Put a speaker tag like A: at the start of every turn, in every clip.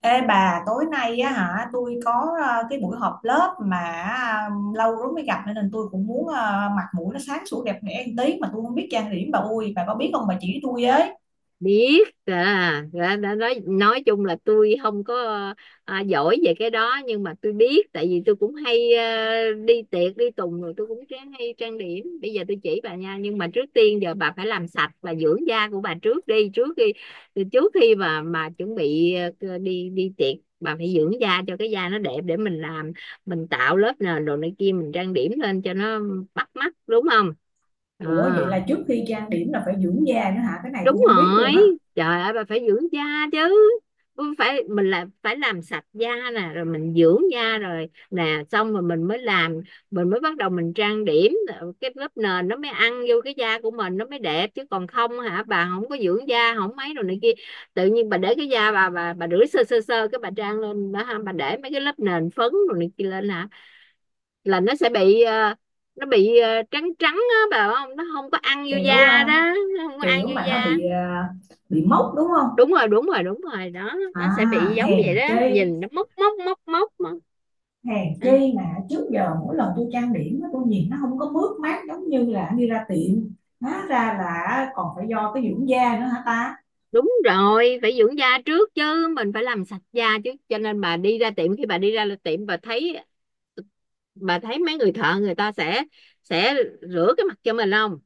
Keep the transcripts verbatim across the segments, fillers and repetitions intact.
A: Ê bà, tối nay á hả, tôi có ờ, cái buổi họp lớp mà ờ, lâu lắm mới gặp nên tôi cũng muốn ờ, mặt mũi nó sáng sủa đẹp đẽ một tí mà tôi không biết trang điểm. Bà ui, bà có biết không, bà chỉ tôi với.
B: Biết à? Đã, đã nói nói chung là tôi không có à, giỏi về cái đó, nhưng mà tôi biết. Tại vì tôi cũng hay à, đi tiệc đi tùng rồi tôi cũng ráng hay trang điểm. Bây giờ tôi chỉ bà nha, nhưng mà trước tiên giờ bà phải làm sạch và dưỡng da của bà trước đi, trước khi trước khi mà mà chuẩn bị à, đi đi tiệc bà phải dưỡng da cho cái da nó đẹp, để mình làm mình tạo lớp nền đồ này kia, mình trang điểm lên cho nó bắt mắt, đúng không? Ờ.
A: Ủa, vậy là trước khi trang điểm là phải dưỡng da nữa hả? Cái này
B: Đúng
A: tôi không biết
B: rồi,
A: luôn á.
B: trời ơi bà phải dưỡng da chứ. Cũng phải, mình là phải làm sạch da nè, rồi mình dưỡng da rồi nè, xong rồi mình mới làm, mình mới bắt đầu mình trang điểm, cái lớp nền nó mới ăn vô cái da của mình, nó mới đẹp. Chứ còn không hả, bà không có dưỡng da không mấy rồi này kia, tự nhiên bà để cái da bà, bà bà rửa sơ sơ sơ cái bà trang lên đó ha, bà để mấy cái lớp nền phấn rồi này kia lên hả, là nó sẽ bị ờ, nó bị ờ, trắng trắng á bà, không nó không có ăn vô
A: Kiểu ờ,
B: da đó, nó không có ăn
A: kiểu
B: vô
A: mà nó
B: da.
A: bị ờ, bị mốc đúng không?
B: Đúng rồi, đúng rồi, đúng rồi đó,
A: À,
B: nó sẽ bị giống
A: hèn
B: vậy đó,
A: chi,
B: nhìn nó mốc mốc mốc mốc mà.
A: hèn
B: à,
A: chi mà trước giờ mỗi lần tôi trang điểm á, tôi nhìn nó không có mướt mát giống như là đi ra tiệm. Hóa ra là còn phải do cái dưỡng da nữa hả ta?
B: Đúng rồi, phải dưỡng da trước chứ, mình phải làm sạch da chứ. Cho nên bà đi ra tiệm, khi bà đi ra tiệm bà thấy bà thấy mấy người thợ, người ta sẽ sẽ rửa cái mặt cho mình không?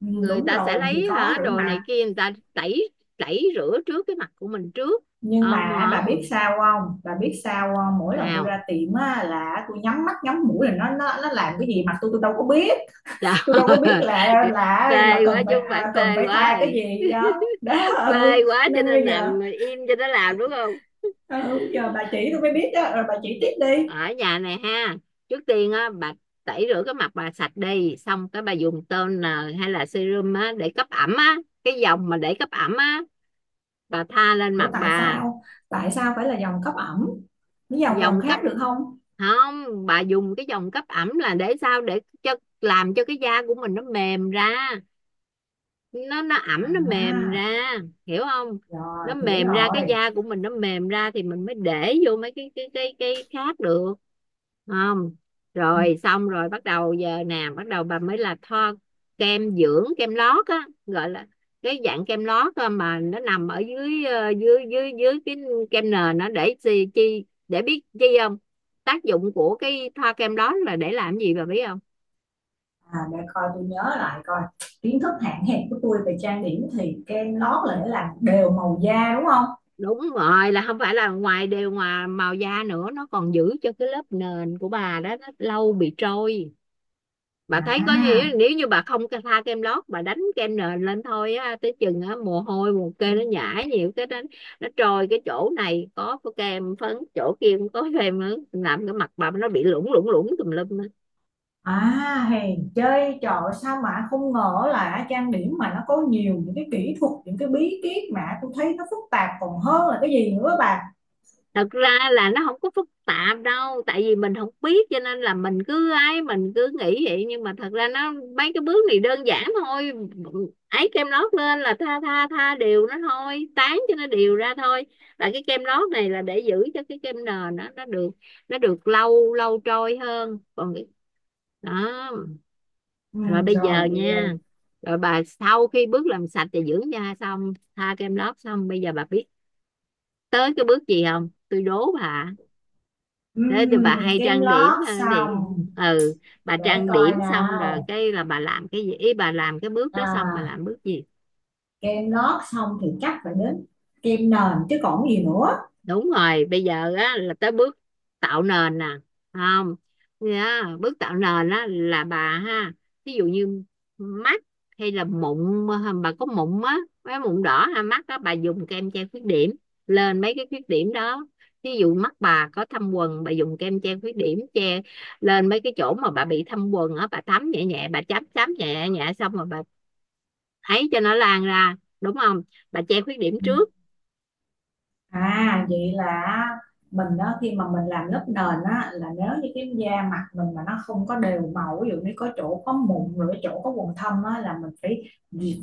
A: Ừ,
B: Người
A: đúng
B: ta sẽ
A: rồi, thì
B: lấy
A: có
B: hả
A: rửa
B: đồ
A: mặt.
B: này kia, người ta tẩy, tẩy rửa trước cái mặt của mình trước.
A: Nhưng
B: Không,
A: mà bà biết
B: không
A: sao không, bà biết sao không, mỗi lần tôi ra
B: sao.
A: tiệm á, là tôi nhắm mắt nhắm mũi, là nó nó nó làm cái gì mà tôi tôi đâu có biết.
B: Trời
A: Tôi đâu có biết
B: ơi,
A: là là là
B: phê quá
A: cần
B: chứ
A: phải
B: không phải
A: à, cần
B: phê
A: phải
B: quá
A: thoa cái
B: rồi.
A: gì đó đó.
B: Phê
A: Ừ,
B: quá, cho
A: nên bây
B: nên
A: giờ
B: nằm im cho nó làm đúng không?
A: ừ, giờ bà chỉ tôi mới biết đó, rồi bà chỉ tiếp đi.
B: Ở nhà này ha. Trước tiên á bà, tẩy rửa cái mặt bà sạch đi, xong cái bà dùng toner hay là serum á để cấp ẩm á, cái dòng mà để cấp ẩm á, bà tha lên
A: Ủa,
B: mặt
A: tại
B: bà.
A: sao tại sao phải là dòng cấp ẩm, cái dòng dòng
B: Dòng cấp
A: khác được không?
B: không, bà dùng cái dòng cấp ẩm là để sao, để cho làm cho cái da của mình nó mềm ra, nó nó ẩm nó mềm
A: À,
B: ra, hiểu không?
A: rồi
B: Nó
A: hiểu
B: mềm ra, cái
A: rồi.
B: da của mình nó mềm ra thì mình mới để vô mấy cái cái cái cái khác được. Không.
A: Ừ.
B: Rồi xong rồi bắt đầu giờ nè, bắt đầu bà mới là thoa kem dưỡng, kem lót á gọi là, cái dạng kem lót á mà nó nằm ở dưới ờ, dưới dưới dưới cái kem nền, nó để chi, chi để biết chi không, tác dụng của cái thoa kem đó là để làm gì bà biết không?
A: À, để coi tôi nhớ lại coi, kiến thức hạn hẹp của tôi về trang điểm thì kem lót là để làm đều màu da đúng không?
B: Đúng rồi, là không phải là ngoài đều, ngoài màu da nữa, nó còn giữ cho cái lớp nền của bà đó nó lâu bị trôi. Bà thấy, có nghĩa
A: À,
B: là nếu như bà không tha kem lót, bà đánh kem nền lên thôi á, tới chừng á mồ hôi mồ kê nó nhảy nhiều cái đó nó trôi, cái chỗ này có kem phấn, chỗ kia cũng có kem nữa, làm cái mặt bà nó bị lủng lủng lủng tùm lum á.
A: à, hèn chơi trò sao mà không ngờ là trang điểm mà nó có nhiều những cái kỹ thuật, những cái bí kíp mà tôi thấy nó phức tạp còn hơn là cái gì nữa bà.
B: Thật ra là nó không có phức tạp đâu, tại vì mình không biết cho nên là mình cứ ấy, mình cứ nghĩ vậy, nhưng mà thật ra nó, mấy cái bước này đơn giản thôi, ấy kem lót lên là tha tha tha đều nó thôi, tán cho nó đều ra thôi. Là cái kem lót này là để giữ cho cái kem nền nó nó được, nó được lâu, lâu trôi hơn. Còn cái đó.
A: Ừ,
B: Rồi bây giờ
A: rồi vậy
B: nha,
A: rồi.
B: rồi bà sau khi bước làm sạch và dưỡng da xong, tha kem lót xong, bây giờ bà biết tới cái bước gì không, tôi đố bà.
A: Ừ,
B: Thế thì bà hay
A: kem
B: trang điểm
A: lót
B: ờ, thì,
A: xong,
B: ừ, bà
A: để
B: trang
A: coi
B: điểm xong rồi
A: nào.
B: cái là bà làm cái gì ý, bà làm cái bước đó xong bà
A: À,
B: làm bước gì?
A: kem lót xong thì chắc phải đến kem nền chứ còn gì nữa.
B: Đúng rồi, bây giờ á là tới bước tạo nền nè. Không. Nha, bước tạo nền á là bà ha, ví dụ như mắt hay là mụn, bà có mụn á, cái mụn đỏ ha, mắt á, bà dùng kem che khuyết điểm lên mấy cái khuyết điểm đó. Ví dụ mắt bà có thâm quầng, bà dùng kem che khuyết điểm che lên mấy cái chỗ mà bà bị thâm quầng á, bà thấm nhẹ nhẹ, bà chấm chấm nhẹ nhẹ, xong rồi bà ấy cho nó lan ra, đúng không? Bà che khuyết điểm
A: Ừ.
B: trước.
A: À, vậy là mình đó, khi mà mình làm lớp nền á, là nếu như cái da mặt mình mà nó không có đều màu, ví dụ như có chỗ có mụn, rồi cái chỗ có quầng thâm á, là mình phải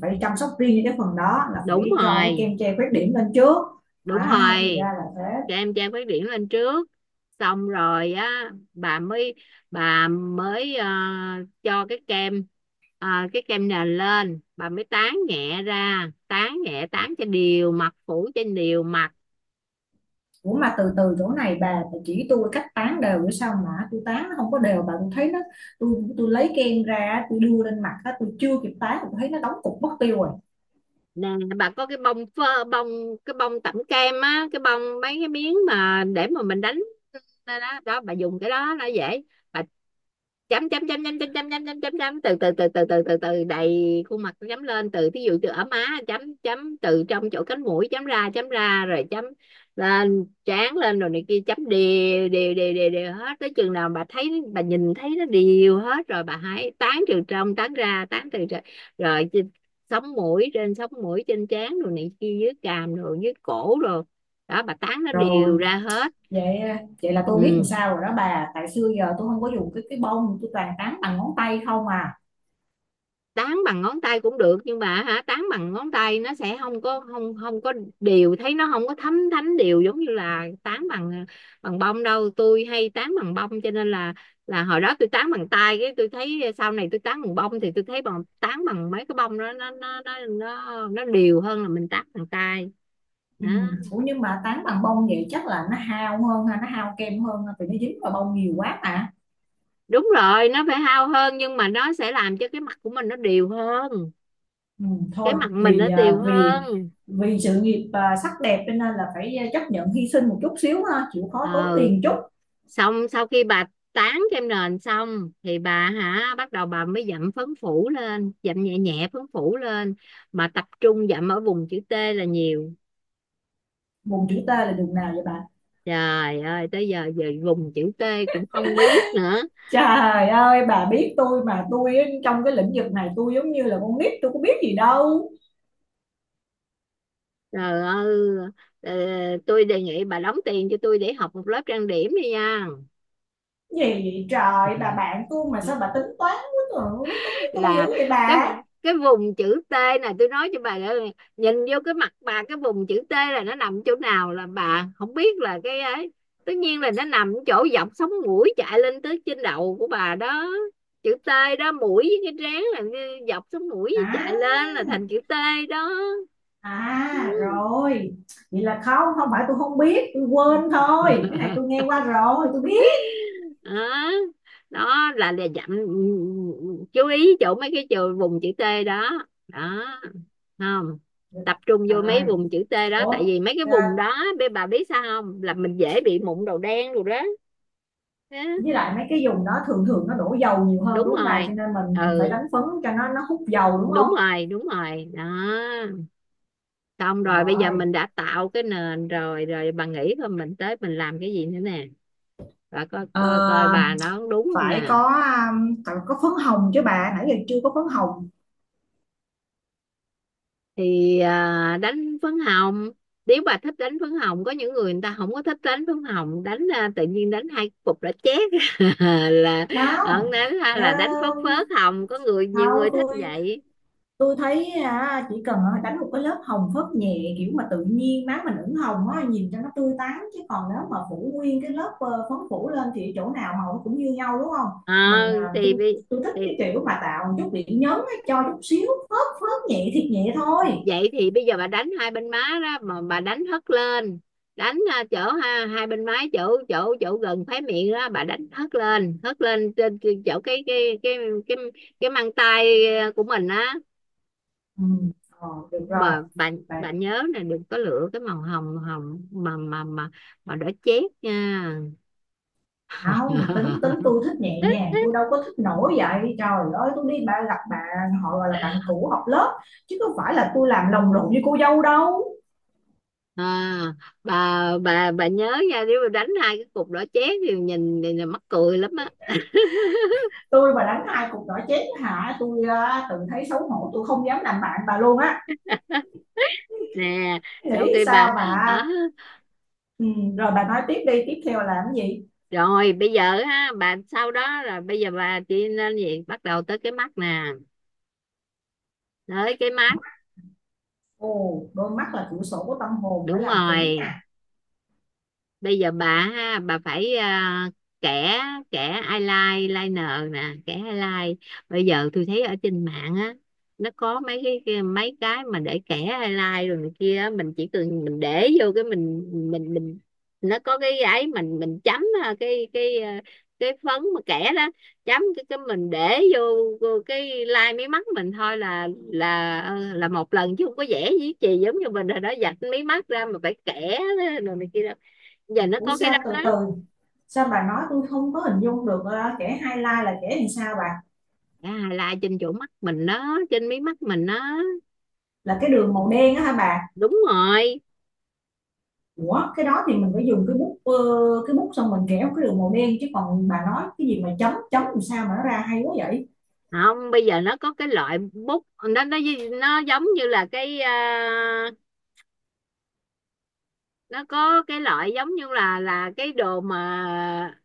A: phải chăm sóc riêng cho cái phần đó, là
B: Đúng
A: phải cho cái kem
B: rồi,
A: che khuyết điểm lên trước.
B: đúng
A: À, thì
B: rồi,
A: ra là thế.
B: cho em trang phát triển lên trước. Xong rồi á bà mới, bà mới ờ, cho cái kem ờ, cái kem nền lên, bà mới tán nhẹ ra, tán nhẹ tán cho đều mặt, phủ trên đều mặt.
A: Ủa mà từ từ, chỗ này bà, bà chỉ tôi cách tán đều nữa, sao mà tôi tán nó không có đều bà, tôi thấy nó, tôi tôi lấy kem ra tôi đưa lên mặt á, tôi chưa kịp tán tôi thấy nó đóng cục mất tiêu rồi.
B: Nè, bà có cái bông phơ bông, cái bông tẩm kem á, cái bông mấy cái miếng mà để mà mình đánh đó đó, đó bà dùng cái đó nó dễ. Bà chấm chấm chấm chấm chấm chấm chấm chấm chấm chấm, từ từ từ từ từ từ từ đầy khuôn mặt, chấm lên từ thí dụ từ ở má, chấm chấm từ trong chỗ cánh mũi chấm ra, chấm ra rồi chấm lên trán lên rồi này kia, chấm đều đều đều đều đều hết, tới chừng nào bà thấy bà nhìn thấy nó đều hết rồi bà hãy tán, từ trong tán ra, tán từ ra rồi sống mũi, trên sống mũi, trên trán rồi này kia, dưới cằm rồi dưới cổ rồi đó, bà tán nó
A: Rồi,
B: đều ra hết.
A: vậy ờ, vậy là tôi biết làm
B: Ừ.
A: sao rồi đó bà, tại xưa giờ tôi không có dùng cái cái bông, tôi toàn tán bằng ngón tay không à.
B: Tán bằng ngón tay cũng được, nhưng mà hả, tán bằng ngón tay nó sẽ không có, không không có đều, thấy nó không có thấm thánh đều giống như là tán bằng bằng bông đâu. Tôi hay tán bằng bông cho nên là là hồi đó tôi tán bằng tay, cái tôi thấy sau này tôi tán bằng bông thì tôi thấy bằng, tán bằng mấy cái bông đó nó nó nó nó nó đều hơn là mình tán bằng tay
A: Ừ.
B: đó.
A: Ủa nhưng mà tán bằng bông vậy chắc là nó hao hơn ha, nó hao kem hơn ha, vì nó dính vào bông nhiều quá mà.
B: Đúng rồi, nó phải hao hơn nhưng mà nó sẽ làm cho cái mặt của mình nó đều hơn,
A: Ừ.
B: cái
A: Thôi
B: mặt mình
A: vì
B: nó
A: à,
B: đều
A: vì
B: hơn.
A: vì sự nghiệp à, sắc đẹp cho nên là phải à, chấp nhận hy sinh một chút xíu ha, chịu khó tốn
B: Ờ,
A: tiền chút.
B: xong sau khi bà tán kem nền xong thì bà hả, bắt đầu bà mới dặm phấn phủ lên, dặm nhẹ nhẹ phấn phủ lên, mà tập trung dặm ở vùng chữ T là nhiều.
A: Vùng chữ T là đường nào vậy bà?
B: Trời ơi, tới giờ giờ vùng chữ T cũng không biết nữa.
A: Trời ơi, bà biết tôi mà, tôi trong cái lĩnh vực này tôi giống như là con nít, tôi có biết gì đâu.
B: Trời ơi, ờ, tôi đề nghị bà đóng tiền cho tôi để học một lớp trang điểm đi nha.
A: Gì trời, bà bạn tôi mà sao bà tính toán quá trời, tính với tôi dữ
B: Là
A: vậy
B: cái
A: bà.
B: cái vùng chữ T này, tôi nói cho bà là, nhìn vô cái mặt bà cái vùng chữ T là nó nằm chỗ nào là bà không biết, là cái ấy, tất nhiên là nó nằm chỗ dọc sống mũi chạy lên tới trên đầu của bà đó, chữ T đó, mũi với cái trán là dọc sống mũi
A: À,
B: chạy lên là thành chữ T đó.
A: à rồi, vậy là không, không phải tôi không biết, tôi quên thôi, cái này tôi nghe qua rồi tôi biết.
B: Đó đó, là là dặm, chú ý chỗ mấy cái chữ vùng chữ T đó đó. Không, tập trung vô mấy
A: Rồi.
B: vùng chữ T đó, tại
A: Ủa,
B: vì mấy cái
A: à,
B: vùng đó bé, bà biết sao không, là mình dễ bị mụn đầu đen rồi đó. Thế,
A: với lại mấy cái vùng đó thường thường nó đổ dầu nhiều hơn
B: đúng
A: đúng không bà,
B: rồi,
A: cho nên mình mình phải
B: ừ,
A: đánh phấn cho nó nó hút dầu đúng không?
B: đúng rồi, đúng rồi đó. Xong rồi bây giờ
A: Rồi.
B: mình đã tạo cái nền rồi, rồi bà nghĩ coi mình tới mình làm cái gì nữa nè, bà coi
A: Ờ,
B: coi coi bà nó đúng không
A: phải
B: nè.
A: có à, phải có phấn hồng chứ bà, nãy giờ chưa có phấn hồng.
B: Thì à, đánh phấn hồng, nếu bà thích đánh phấn hồng, có những người người ta không có thích đánh phấn hồng, đánh à, tự nhiên đánh hai cục đã chét, là ở
A: Không.
B: đó, là
A: Ờ,
B: là đánh phớt phớt hồng, có người nhiều
A: không,
B: người thích
A: tôi
B: vậy.
A: tôi thấy à, chỉ cần à, đánh một cái lớp hồng phớt nhẹ, kiểu mà tự nhiên má mình ửng hồng á, nhìn cho nó tươi tắn, chứ còn nếu mà phủ nguyên cái lớp ờ, phấn phủ lên thì chỗ nào hồng cũng như nhau đúng không?
B: Ờ.
A: Mình à, tôi
B: thì, bi-
A: tôi thích
B: thì
A: cái kiểu mà tạo một chút điểm nhấn á, cho chút xíu phớt phớt nhẹ thiệt nhẹ thôi.
B: vậy thì bây giờ bà đánh hai bên má đó, mà bà đánh hất lên, đánh à, chỗ ha, hai bên má chỗ chỗ chỗ gần khóe miệng đó, bà đánh hất lên, hất lên trên, trên chỗ cái cái cái cái cái mang tay à, của mình á.
A: Ừ, ờ, được rồi.
B: Mà bạn
A: Bà-
B: bạn nhớ là đừng có lựa cái màu hồng hồng mà mà mà mà đỏ chét nha.
A: không, tính tính tôi thích nhẹ nhàng, tôi đâu có thích nổi vậy. Trời ơi, tôi đi ba gặp bạn, họ gọi là bạn cũ học lớp chứ không phải là tôi làm lồng lộn với cô dâu đâu.
B: à, bà bà bà nhớ nha, nếu mà đánh hai cái cục đỏ chét thì nhìn thì là mắc cười lắm á.
A: Tôi mà đánh hai cục nỏ chén hả, tôi ờ, tự thấy xấu hổ, tôi không dám làm bạn bà luôn á.
B: Nè, sau
A: Nghĩ
B: khi bà
A: sao mà.
B: ờ,
A: Ừ, rồi bà nói tiếp đi, tiếp theo là làm gì?
B: rồi bây giờ ha bà, sau đó là bây giờ bà đi lên gì, bắt đầu tới cái mắt nè, tới cái mắt.
A: Ồ, đôi mắt là cửa sổ của tâm hồn, phải
B: Đúng
A: làm kỹ nè.
B: rồi, bây giờ bà ha, bà phải à, kẻ, kẻ eyeliner liner nè, kẻ eyeliner. Bây giờ tôi thấy ở trên mạng á, nó có mấy cái cái- mấy cái mà để kẻ eyeliner rồi này kia á, mình chỉ cần mình để vô cái mình mình mình, nó có cái ấy mình mình chấm à, cái cái à, cái phấn mà kẻ đó, chấm cái cái mình để vô, vô cái line mí mắt mình thôi là, là là một lần chứ không có vẽ gì chì giống như mình rồi đó, vạch mí mắt ra mà phải kẻ rồi này kia đó, giờ nó
A: Ủa,
B: có cái đó
A: sao, từ
B: đó.
A: từ, sao bà nói tôi không có hình dung được, ờ, kẻ highlight là kẻ làm sao bà?
B: À, là trên chỗ mắt mình đó, trên mí mắt mình đó.
A: Là cái đường màu đen á hả bà?
B: Đúng rồi.
A: Ủa cái đó thì mình phải dùng cái bút ờ, cái bút, xong mình kéo cái đường màu đen, chứ còn bà nói cái gì mà chấm chấm làm sao mà nó ra hay quá vậy?
B: Không, bây giờ nó có cái loại bút nó nó nó giống như là cái à, nó có cái loại giống như là là cái đồ mà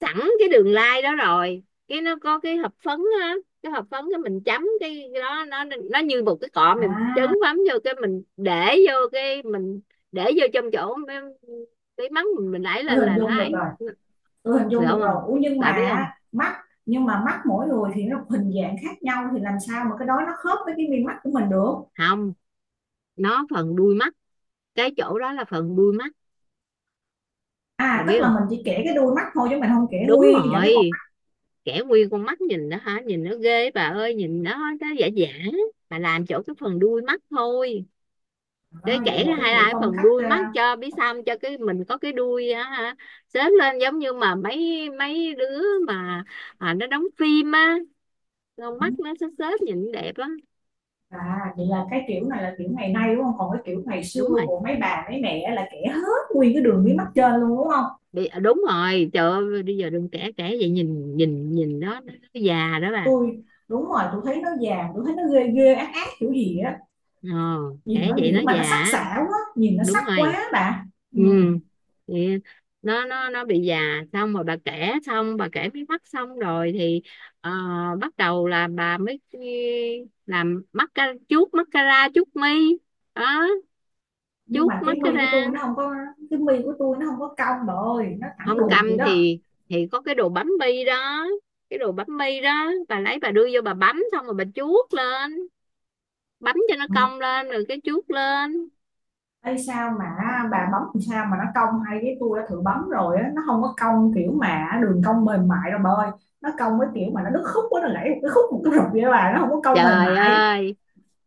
B: sẵn cái đường lai đó rồi, cái nó có cái hộp phấn á, cái hộp phấn, cái mình chấm cái cái đó, nó nó như một cái cọ, mình trấn
A: À,
B: bấm vô cái mình để vô cái mình để vô trong chỗ cái mắng mình mình đẩy
A: tôi
B: lên
A: hình
B: là nó
A: dung được
B: ấy,
A: rồi, tôi hình
B: được
A: dung được rồi.
B: không,
A: Ủa nhưng
B: bà biết
A: mà
B: không?
A: mắt, nhưng mà mắt mỗi người thì nó hình dạng khác nhau thì làm sao mà cái đó nó khớp với cái mi mắt của mình được?
B: Không, nó phần đuôi mắt, cái chỗ đó là phần đuôi mắt, bà
A: À,
B: biết
A: tức là
B: không?
A: mình chỉ kể cái đuôi mắt thôi chứ mình không kể
B: Đúng
A: nguyên cả cái con
B: rồi,
A: mắt.
B: kẻ nguyên con mắt nhìn đó hả, nhìn nó ghê bà ơi, nhìn nó nó giả giả, bà làm chỗ cái phần đuôi mắt thôi,
A: À,
B: để
A: vậy
B: kẻ
A: là cái
B: hay
A: kiểu
B: là
A: phong
B: phần
A: cách
B: đuôi
A: ờ,
B: mắt cho biết sao, cho cái mình có cái đuôi á hả, xếp lên giống như mà mấy mấy đứa mà à, nó đóng phim á, con mắt nó xếp xếp nhìn đẹp á.
A: à vậy là cái kiểu này là kiểu ngày nay đúng không, còn cái kiểu ngày xưa
B: Đúng rồi,
A: của mấy bà mấy mẹ là kể hết nguyên cái đường mí mắt trên luôn đúng không?
B: đi à, đúng rồi, trời ơi bây giờ đừng kể, kể vậy nhìn nhìn nhìn nó nó già đó bà.
A: Tôi đúng rồi, tôi thấy nó vàng, tôi thấy nó ghê ghê ác ác kiểu gì á.
B: Ờ,
A: Nhìn
B: trẻ
A: nó
B: vậy nó
A: kiểu mà
B: già
A: nó sắc
B: á.
A: sảo quá, nhìn nó
B: Đúng
A: sắc
B: rồi,
A: quá bà. Ừ.
B: ừ, thì nó nó nó bị già. Xong rồi bà kể xong, bà kể mí mắt xong rồi thì ờ, bắt đầu là bà mới làm mascara, chuốt mascara, chuốt mi đó,
A: Nhưng
B: chuốt
A: mà cái mi
B: mascara.
A: của tôi nó không có, cái mi của tôi nó không có cong bà ơi, nó thẳng
B: Không
A: đuột vậy
B: cầm
A: đó.
B: thì thì có cái đồ bấm bi đó, cái đồ bấm bi đó bà lấy bà đưa vô bà bấm, xong rồi bà chuốt lên, bấm cho nó
A: Ừ.
B: cong lên rồi cái chuốt lên.
A: Ê, sao mà bà bấm làm sao mà nó cong hay, cái tôi đã thử bấm rồi á, nó không có cong kiểu mà đường cong mềm mại đâu bà ơi. Nó cong với kiểu mà nó đứt khúc quá, nó gãy một cái khúc một cái rụp vậy bà, nó không có cong mềm
B: Trời
A: mại.
B: ơi,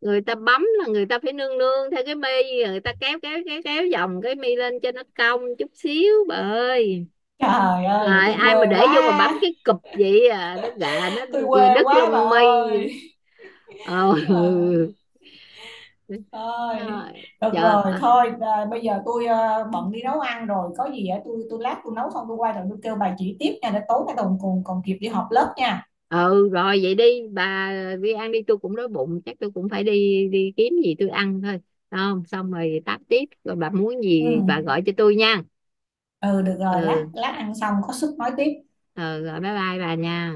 B: người ta bấm là người ta phải nương nương theo cái mi, người ta kéo kéo kéo kéo vòng cái mi lên cho nó cong chút xíu bà ơi.
A: Trời ơi, vậy
B: Rồi,
A: tôi
B: ai mà
A: quê
B: để vô mà bấm
A: quá.
B: cái cụp vậy à, nó gà nó
A: Tôi quê
B: đứt
A: quá bà
B: lông mi.
A: ơi.
B: Ờ,
A: Ờ.
B: ừ.
A: Thôi, được rồi,
B: Trời,
A: thôi à, bây giờ tôi à, bận đi nấu ăn rồi, có gì á tôi tôi lát tôi nấu xong tôi quay rồi tôi kêu bà chỉ tiếp nha, để tối nay còn còn còn kịp đi họp lớp nha.
B: ừ rồi vậy đi bà, đi ăn đi, tôi cũng đói bụng, chắc tôi cũng phải đi, đi kiếm gì tôi ăn thôi. Đúng không, xong rồi táp tiếp, rồi bà muốn
A: Ừ,
B: gì bà gọi cho tôi nha.
A: ừ được rồi, lát
B: Ừ,
A: lát ăn xong có sức nói tiếp.
B: ừ rồi bye bye bà nha.